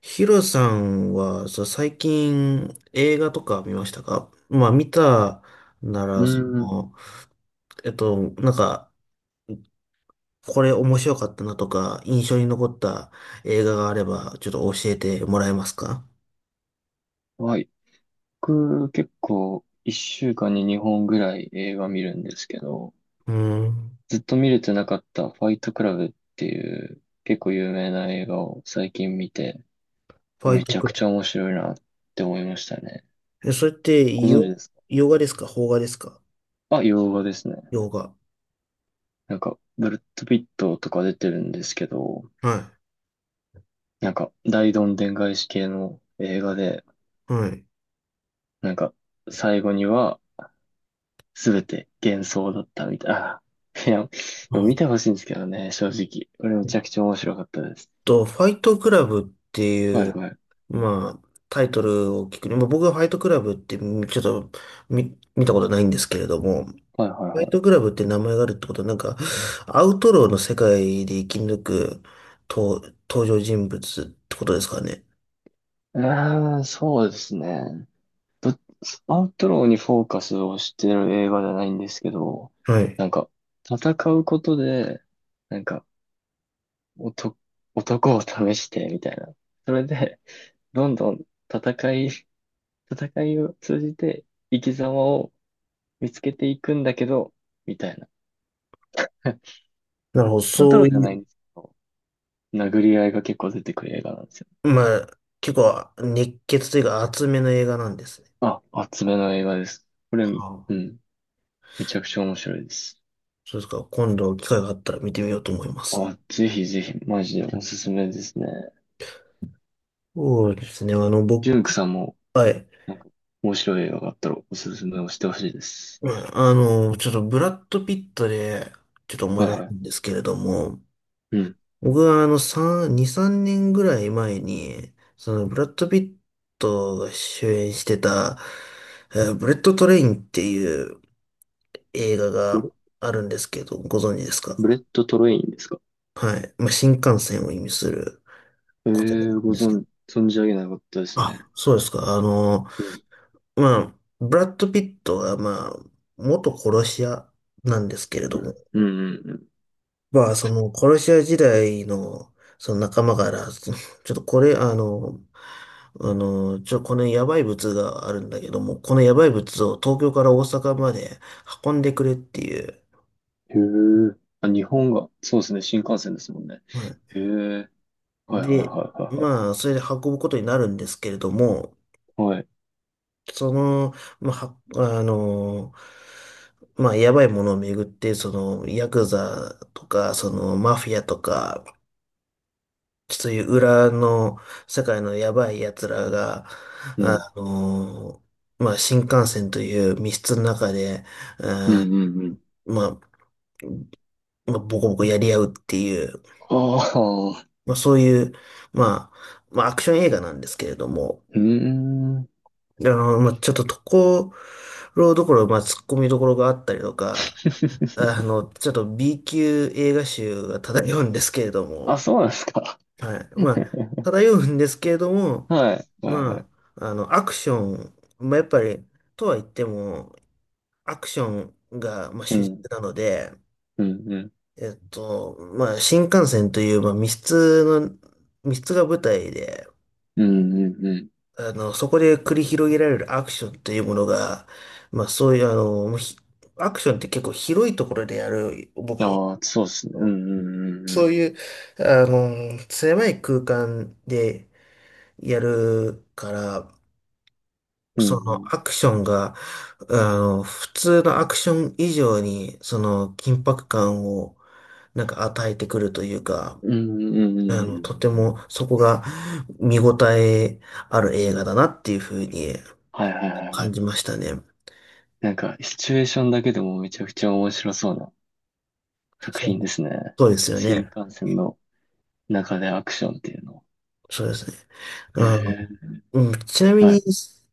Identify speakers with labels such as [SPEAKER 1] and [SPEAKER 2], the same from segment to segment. [SPEAKER 1] ヒロさんは、最近映画とか見ましたか？まあ見たな
[SPEAKER 2] うー
[SPEAKER 1] ら、
[SPEAKER 2] ん。
[SPEAKER 1] えっと、なんか、これ面白かったなとか、印象に残った映画があれば、ちょっと教えてもらえますか？
[SPEAKER 2] はい。僕、結構、一週間に2本ぐらい映画見るんですけど、
[SPEAKER 1] うーん。
[SPEAKER 2] ずっと見れてなかったファイトクラブっていう結構有名な映画を最近見て、
[SPEAKER 1] ファイ
[SPEAKER 2] め
[SPEAKER 1] ト
[SPEAKER 2] ちゃ
[SPEAKER 1] ク
[SPEAKER 2] く
[SPEAKER 1] ラ
[SPEAKER 2] ちゃ面白いなって思いましたね。
[SPEAKER 1] ブ。え、それって、
[SPEAKER 2] ご存知ですか？
[SPEAKER 1] 洋画ですか邦画ですか？
[SPEAKER 2] あ、洋画ですね。
[SPEAKER 1] 洋画。
[SPEAKER 2] ブルッド・ピットとか出てるんですけど、
[SPEAKER 1] は
[SPEAKER 2] 大どんでん返し系の映画で、
[SPEAKER 1] い。はい。
[SPEAKER 2] なんか、最後には、すべて幻想だったみたい。ああ、いや、でも
[SPEAKER 1] あ
[SPEAKER 2] 見てほしいんですけどね、正直。これめ
[SPEAKER 1] えっ
[SPEAKER 2] ちゃくちゃ面白かったです。
[SPEAKER 1] ファイトクラブって
[SPEAKER 2] は
[SPEAKER 1] いう、
[SPEAKER 2] いはい。
[SPEAKER 1] まあ、タイトルを聞くに、まあ、僕はファイトクラブってみちょっと見、見たことないんですけれども、
[SPEAKER 2] はいはい
[SPEAKER 1] ファイ
[SPEAKER 2] は
[SPEAKER 1] トク
[SPEAKER 2] い。
[SPEAKER 1] ラブって名前があるってことは、なんか、アウトローの世界で生き抜くと登場人物ってことですかね？
[SPEAKER 2] うーん、そうですね。ど、アウトローにフォーカスをしてる映画じゃないんですけど、
[SPEAKER 1] はい。
[SPEAKER 2] なんか、戦うことで、なんか、男、男を試して、みたいな。それで、どんどん戦い、戦いを通じて生き様を見つけていくんだけど、みたいな。
[SPEAKER 1] なるほど、
[SPEAKER 2] アウト
[SPEAKER 1] そ
[SPEAKER 2] ロ
[SPEAKER 1] う
[SPEAKER 2] ーじゃ
[SPEAKER 1] い
[SPEAKER 2] ない
[SPEAKER 1] う、
[SPEAKER 2] んです。殴り合いが結構出てくる映画なんですよ。
[SPEAKER 1] まあ、結構熱血というか厚めの映画なんですね。
[SPEAKER 2] あ、厚めの映画です。これ、う
[SPEAKER 1] はあ、
[SPEAKER 2] ん、めちゃくちゃ面白いです。
[SPEAKER 1] そうですか。今度機会があったら見てみようと思います。
[SPEAKER 2] あ、ぜひぜひ、マジでおすすめですね。
[SPEAKER 1] そうですね。あの、僕、
[SPEAKER 2] ジュンクさんも、
[SPEAKER 1] はい。
[SPEAKER 2] なんか、面白い映画があったらおすすめをしてほしいです。
[SPEAKER 1] うんあの、ちょっとブラッド・ピットで、ちょっと思い
[SPEAKER 2] はい
[SPEAKER 1] 出し
[SPEAKER 2] は
[SPEAKER 1] た
[SPEAKER 2] い。
[SPEAKER 1] んですけれども、
[SPEAKER 2] うん。
[SPEAKER 1] 僕はあの、3年ぐらい前に、その、ブラッド・ピットが主演してた、ブレッド・トレインっていう映画
[SPEAKER 2] ブ
[SPEAKER 1] が
[SPEAKER 2] レ、
[SPEAKER 1] あるんですけど、ご存知ですか？
[SPEAKER 2] ブレット・トレインですか？
[SPEAKER 1] はい。まあ、新幹線を意味する
[SPEAKER 2] ええ
[SPEAKER 1] 言葉な
[SPEAKER 2] ー、
[SPEAKER 1] んですけど。
[SPEAKER 2] 存じ上げなかったですね。
[SPEAKER 1] あ、そうですか。あの、
[SPEAKER 2] うん、
[SPEAKER 1] まあ、ブラッド・ピットが、まあ、元殺し屋なんですけれ
[SPEAKER 2] う
[SPEAKER 1] ども、
[SPEAKER 2] ん、うん、うん
[SPEAKER 1] まあ、その、殺し屋時代の、その仲間から、その、ちょっとこれ、あの、あの、ちょ、このやばい物があるんだけども、このやばい物を東京から大阪まで運んでくれっていう。
[SPEAKER 2] うん。へえ。あ、日本が、そうですね、新幹線ですもんね。
[SPEAKER 1] うん。
[SPEAKER 2] へえ。はいはいはい
[SPEAKER 1] で、
[SPEAKER 2] は
[SPEAKER 1] まあ、それで運ぶことになるんですけれども、
[SPEAKER 2] いはい。はい。
[SPEAKER 1] その、まあ、はあの、まあ、やばいものをめぐって、その、ヤクザとか、その、マフィアとか、そういう裏の世界のやばい奴らが、
[SPEAKER 2] うん。
[SPEAKER 1] あのまあ、新幹線という密室の中で、え
[SPEAKER 2] うん
[SPEAKER 1] ー
[SPEAKER 2] うんうん、
[SPEAKER 1] まあ、ボコボコやり合うっていう、
[SPEAKER 2] ああ、
[SPEAKER 1] まあ、そういう、まあ、アクション映画なんですけれども、
[SPEAKER 2] うーん。
[SPEAKER 1] まあ、ちょっとところどころ、まあ、突っ込みどころがあったりとか、あの、ちょっと B 級映画集が漂うんですけれど
[SPEAKER 2] あ、
[SPEAKER 1] も、
[SPEAKER 2] そうなんですか。
[SPEAKER 1] はい。まあ、漂うんですけれども、
[SPEAKER 2] はい、はい、は
[SPEAKER 1] ま
[SPEAKER 2] い。
[SPEAKER 1] あ、あの、アクション、まあ、やっぱり、とは言っても、アクションが、まあ、
[SPEAKER 2] う
[SPEAKER 1] 主軸
[SPEAKER 2] ん、
[SPEAKER 1] なので、
[SPEAKER 2] うん、うん、
[SPEAKER 1] まあ、新幹線という、まあ、密室が舞台で、
[SPEAKER 2] うん、うん、うん。
[SPEAKER 1] あの、そこで繰り広げられるアクションというものが、まあ、そういう、あの、もうひアクションって結構広いところでやる、僕、
[SPEAKER 2] ああ、そうですね。うん、う
[SPEAKER 1] そ
[SPEAKER 2] ん、
[SPEAKER 1] ういう、あの、狭い空間でやるから、
[SPEAKER 2] うん、う
[SPEAKER 1] その
[SPEAKER 2] ん。
[SPEAKER 1] アクションが、あの、普通のアクション以上に、その緊迫感をなんか与えてくるというか、
[SPEAKER 2] うん、うん、うん、うん、
[SPEAKER 1] あ
[SPEAKER 2] う
[SPEAKER 1] の、と
[SPEAKER 2] ん。
[SPEAKER 1] て
[SPEAKER 2] うんうん、
[SPEAKER 1] もそこが見応えある映画だなっていうふうに
[SPEAKER 2] はい、はい、はいは
[SPEAKER 1] 感
[SPEAKER 2] い。
[SPEAKER 1] じましたね。
[SPEAKER 2] なんか、シチュエーションだけでもめちゃくちゃ面白そうな作
[SPEAKER 1] そ
[SPEAKER 2] 品
[SPEAKER 1] う、
[SPEAKER 2] ですね。
[SPEAKER 1] そうですよ
[SPEAKER 2] 新
[SPEAKER 1] ね。
[SPEAKER 2] 幹線の中でアクションっていうの。
[SPEAKER 1] そうですね。あ
[SPEAKER 2] へ
[SPEAKER 1] の、
[SPEAKER 2] え、
[SPEAKER 1] うん、ちなみ
[SPEAKER 2] は
[SPEAKER 1] に、
[SPEAKER 2] い、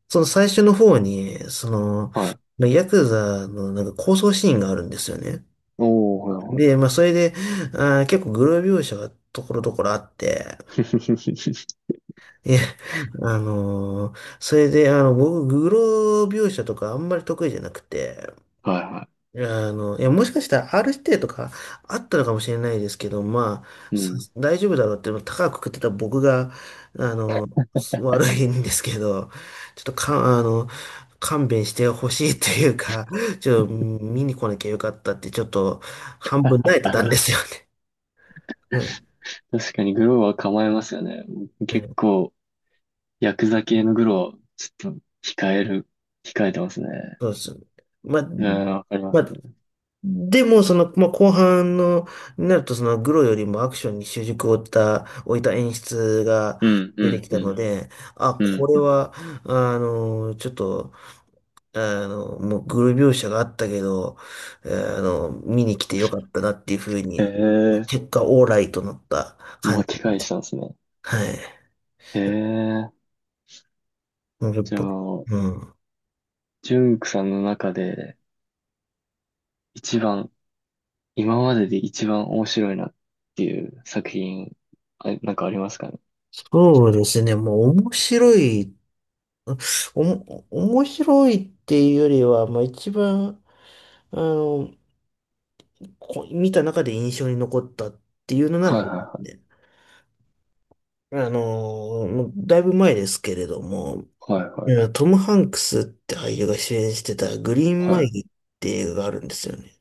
[SPEAKER 1] その最初の方に、その、
[SPEAKER 2] はい。
[SPEAKER 1] ヤクザのなんか抗争シーンがあるんですよね。
[SPEAKER 2] おー、はい、は
[SPEAKER 1] で、
[SPEAKER 2] い。
[SPEAKER 1] まあ、それで、あー、結構グロ描写がところどころあって、いや、あのーそれで、あの、僕、グロ描写とかあんまり得意じゃなくて、
[SPEAKER 2] はい、は
[SPEAKER 1] あの、いや、もしかしたら R 指定とかあったのかもしれないですけど、まあ、
[SPEAKER 2] い。う
[SPEAKER 1] さ
[SPEAKER 2] ん。
[SPEAKER 1] 大丈夫だろうって、高く食ってた僕が、あの、悪いんですけど、ちょっとか、あの、勘弁してほしいというか、ちょっと見に来なきゃよかったって、ちょっと半分泣いてたんですよね。うん。
[SPEAKER 2] 確かにグローは構えますよね。結構、ヤクザ系のグローは、ちょっと、控えてますね。
[SPEAKER 1] そうですよね。まあ、
[SPEAKER 2] うん、わかりま
[SPEAKER 1] ま
[SPEAKER 2] す
[SPEAKER 1] あ、
[SPEAKER 2] ね。
[SPEAKER 1] でも、その、まあ、後半の、になると、その、グロよりもアクションに習熟を置いた、演出が
[SPEAKER 2] うん、う
[SPEAKER 1] 出て
[SPEAKER 2] ん、
[SPEAKER 1] き
[SPEAKER 2] う
[SPEAKER 1] たの
[SPEAKER 2] ん、
[SPEAKER 1] で、あ、
[SPEAKER 2] う
[SPEAKER 1] こ
[SPEAKER 2] ん、
[SPEAKER 1] れ
[SPEAKER 2] うん。
[SPEAKER 1] は、あの、ちょっと、あの、もう、グロ描写があったけど、あの、見に来てよかったなっていうふう
[SPEAKER 2] へ
[SPEAKER 1] に、
[SPEAKER 2] え、
[SPEAKER 1] 結果、オーライとなった感
[SPEAKER 2] 巻き返
[SPEAKER 1] じ。
[SPEAKER 2] したんですね。
[SPEAKER 1] はい。
[SPEAKER 2] へえ、
[SPEAKER 1] やっ
[SPEAKER 2] じゃあ、
[SPEAKER 1] ぱ、うん。
[SPEAKER 2] ジュンクさんの中で、一番、今までで一番面白いなっていう作品、あ、なんかありますかね。
[SPEAKER 1] そうですね。もう、面白い。面白いっていうよりは、まあ一番、あの、見た中で印象に残ったっていうのなら
[SPEAKER 2] は
[SPEAKER 1] あ
[SPEAKER 2] いは
[SPEAKER 1] り
[SPEAKER 2] い
[SPEAKER 1] ます
[SPEAKER 2] は
[SPEAKER 1] ね、あの、もうだいぶ前ですけれども、
[SPEAKER 2] い。はい
[SPEAKER 1] い
[SPEAKER 2] は
[SPEAKER 1] やトム・ハンクスって俳優が主演してたグリーン
[SPEAKER 2] い
[SPEAKER 1] マ
[SPEAKER 2] は
[SPEAKER 1] イ
[SPEAKER 2] い。
[SPEAKER 1] ルって映画があるんですよね。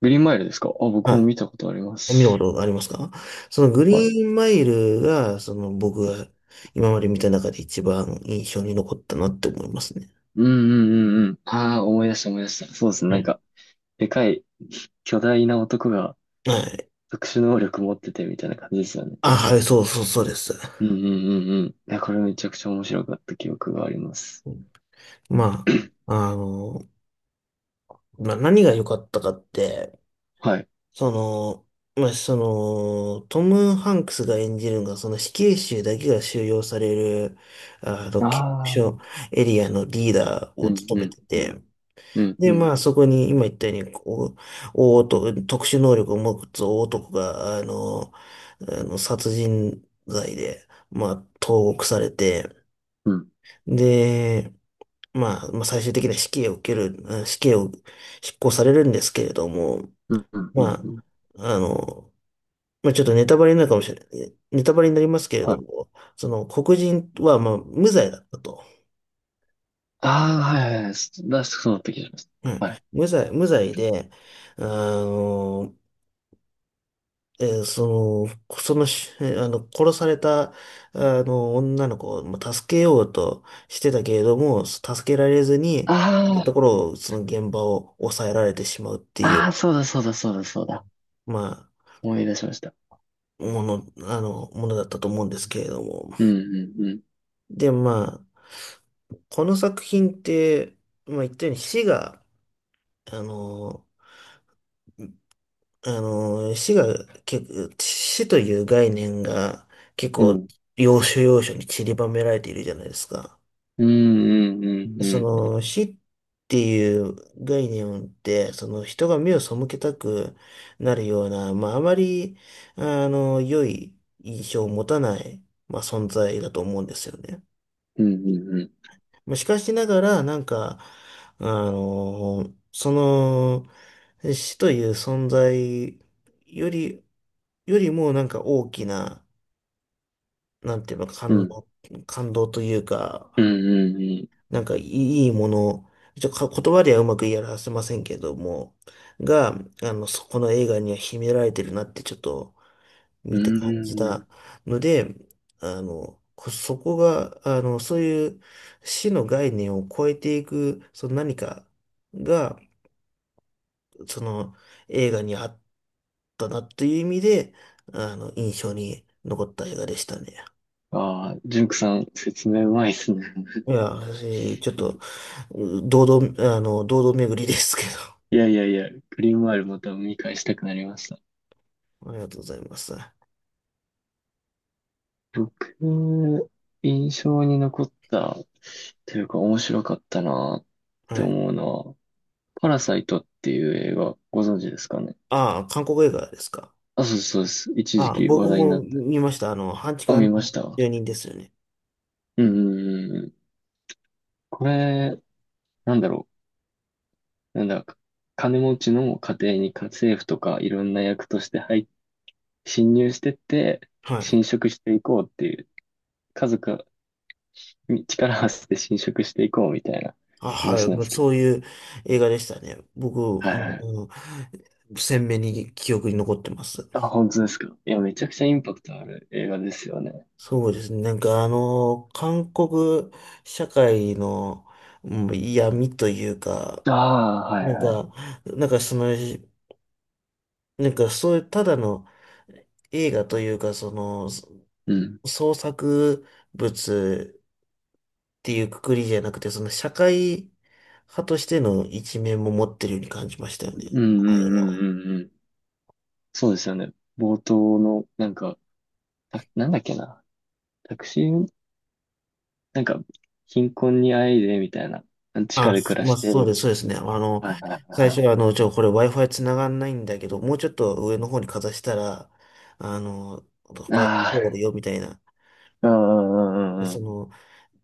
[SPEAKER 2] グリーンマイルですか？あ、僕も
[SPEAKER 1] は
[SPEAKER 2] 見たことありま
[SPEAKER 1] い。見たこ
[SPEAKER 2] す。
[SPEAKER 1] とありますか？そのグ
[SPEAKER 2] はい、
[SPEAKER 1] リーンマイルが、その僕が今まで見た中で一番印象に残ったなって思いますね。
[SPEAKER 2] うんうんうんうん。ああ、思い出した思い出した。そうですね。なんか、でかい、巨大な男が
[SPEAKER 1] はい。はい。
[SPEAKER 2] 特殊能力持っててみたいな感じですよね。
[SPEAKER 1] あ、はい、そうです。
[SPEAKER 2] うんうんうんうん。いや、これめちゃくちゃ面白かった記憶があります。
[SPEAKER 1] ま あ、あの、まあ、何が良かったかって、
[SPEAKER 2] はい。
[SPEAKER 1] その、まあ、その、トム・ハンクスが演じるのが、その死刑囚だけが収容される、あの、刑務
[SPEAKER 2] ああ、うん
[SPEAKER 1] 所エリアのリーダー
[SPEAKER 2] う
[SPEAKER 1] を
[SPEAKER 2] んう
[SPEAKER 1] 務め
[SPEAKER 2] ん
[SPEAKER 1] てて、
[SPEAKER 2] うん
[SPEAKER 1] で、
[SPEAKER 2] うん
[SPEAKER 1] まあ、そこに、今言ったように、こう、特殊能力を持つ大男が、あの殺人罪で、まあ、投獄されて、
[SPEAKER 2] うんうん
[SPEAKER 1] で、まあ、まあ、最終的な死刑を受ける、死刑を執行されるんですけれども、
[SPEAKER 2] うんうん
[SPEAKER 1] ま
[SPEAKER 2] うん。
[SPEAKER 1] あ、あの、まあ、ちょっとネタバレになるかもしれない、ネタバレになりますけれ
[SPEAKER 2] は
[SPEAKER 1] ど
[SPEAKER 2] い。
[SPEAKER 1] も、その黒人は、まあ、無罪だったと。
[SPEAKER 2] ああ、はいはいはい。出しそうだった気がします。
[SPEAKER 1] うん、
[SPEAKER 2] はい。
[SPEAKER 1] 無罪で、あの、殺された、あの、女の子をまあ助けようとしてたけれども、助けられずに、
[SPEAKER 2] あ
[SPEAKER 1] ところを、その現場を抑えられてしまうってい
[SPEAKER 2] あ、あ
[SPEAKER 1] う、
[SPEAKER 2] あ、そうだそうだそうだそうだ。
[SPEAKER 1] まあ、
[SPEAKER 2] 思い出しました。
[SPEAKER 1] ものだったと思うんですけれども。
[SPEAKER 2] うんうんうん。
[SPEAKER 1] で、まあ、この作品って、まあ言ったように死が、あの、あの、死が、結構死という概念が結
[SPEAKER 2] う
[SPEAKER 1] 構
[SPEAKER 2] ん。
[SPEAKER 1] 要所要所に散りばめられているじゃないですか。
[SPEAKER 2] うんうんうんう
[SPEAKER 1] そ
[SPEAKER 2] んうん。
[SPEAKER 1] の死っていう概念って、その人が目を背けたくなるような、まああまり、あの、良い印象を持たない、まあ存在だと思うんですよね。
[SPEAKER 2] うんうんうん。
[SPEAKER 1] まあしかしながら、なんか、あその、死という存在より、よりもなんか大きな、なんていうの、
[SPEAKER 2] うん
[SPEAKER 1] 感動という
[SPEAKER 2] うん
[SPEAKER 1] か、
[SPEAKER 2] うん
[SPEAKER 1] なんかいいもの、ちょ、か言葉ではうまく言い表せませんけども、が、あの、そこの映画には秘められてるなってちょっと
[SPEAKER 2] うん。
[SPEAKER 1] 見て
[SPEAKER 2] う
[SPEAKER 1] 感じ
[SPEAKER 2] ーん。
[SPEAKER 1] たので、あの、そこが、あの、そういう死の概念を超えていく、その何かが、その映画にあったなという意味で、あの、印象に残った映画でしたね。
[SPEAKER 2] ああ、ジュンクさん、説明うまいっすね。
[SPEAKER 1] いや、私、ちょっと、堂々、あの、堂々巡りですけど、
[SPEAKER 2] いやいやいや、グリーンワールまた見返したくなりました。
[SPEAKER 1] ありがとうございます。は
[SPEAKER 2] 僕、印象に残った、というか面白かったなって
[SPEAKER 1] い。
[SPEAKER 2] 思うのは、パラサイトっていう映画、ご存知ですかね。
[SPEAKER 1] ああ、韓国映画ですか。
[SPEAKER 2] あ、そうですそうです。一時
[SPEAKER 1] ああ、
[SPEAKER 2] 期話
[SPEAKER 1] 僕
[SPEAKER 2] 題に
[SPEAKER 1] も
[SPEAKER 2] なった。
[SPEAKER 1] 見ました。あの、半地
[SPEAKER 2] あ、
[SPEAKER 1] 下
[SPEAKER 2] 見ま
[SPEAKER 1] の
[SPEAKER 2] した。
[SPEAKER 1] 住人ですよね。
[SPEAKER 2] うんうんうん。これ、なんだろう。なんだか、金持ちの家庭に家政婦とかいろんな役として侵入してって、
[SPEAKER 1] はい。
[SPEAKER 2] 侵食していこうっていう、家族に力を合わせて侵食していこうみたいな
[SPEAKER 1] あ、はい。
[SPEAKER 2] 話なん
[SPEAKER 1] も
[SPEAKER 2] で
[SPEAKER 1] う
[SPEAKER 2] すけど。
[SPEAKER 1] そういう映画でしたね。僕、も
[SPEAKER 2] はいはい。
[SPEAKER 1] う、うん、鮮明に記憶に残ってます。
[SPEAKER 2] あ、本当ですか。いや、めちゃくちゃインパクトある映画ですよね。
[SPEAKER 1] そうですね。なんかあの、韓国社会のうん闇というか、
[SPEAKER 2] ああ、は
[SPEAKER 1] な
[SPEAKER 2] い
[SPEAKER 1] ん
[SPEAKER 2] はい。
[SPEAKER 1] か、なんかその、なんかそういうただの映画というか、その、
[SPEAKER 2] うん。
[SPEAKER 1] 創作物っていうくくりじゃなくて、その社会派としての一面も持ってるように感じましたよね。
[SPEAKER 2] うんうんうんうんうん。そうですよね。冒頭の、なんか、たなんだっけな。タクシー、なんか、貧困にあえいで、みたいな。地下で暮ら
[SPEAKER 1] まあ、
[SPEAKER 2] してる。
[SPEAKER 1] そうですね。あの、
[SPEAKER 2] はいはいはい
[SPEAKER 1] 最
[SPEAKER 2] は
[SPEAKER 1] 初は、あの、ちょ、これ Wi-Fi 繋がんないんだけど、もうちょっと上の方にかざしたら、あの、
[SPEAKER 2] い。
[SPEAKER 1] Wi-Fi 通
[SPEAKER 2] あ
[SPEAKER 1] るよ、みたいな。
[SPEAKER 2] あ、うんうんう
[SPEAKER 1] で
[SPEAKER 2] んうんう
[SPEAKER 1] そ
[SPEAKER 2] ん。
[SPEAKER 1] の、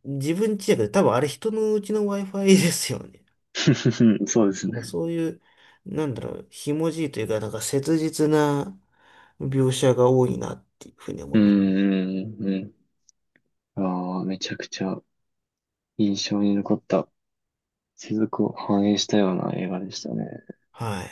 [SPEAKER 1] 自分ちやけど、多分あれ人のうちの Wi-Fi ですよね。
[SPEAKER 2] そうです
[SPEAKER 1] だ
[SPEAKER 2] ね。
[SPEAKER 1] からそういう、なんだろう、ひもじいというか、なんか切実な描写が多いなっていうふうに思
[SPEAKER 2] う
[SPEAKER 1] います。
[SPEAKER 2] んうんうんうん。ああ、めちゃくちゃ印象に残った世俗を反映したような映画でしたね。
[SPEAKER 1] はい。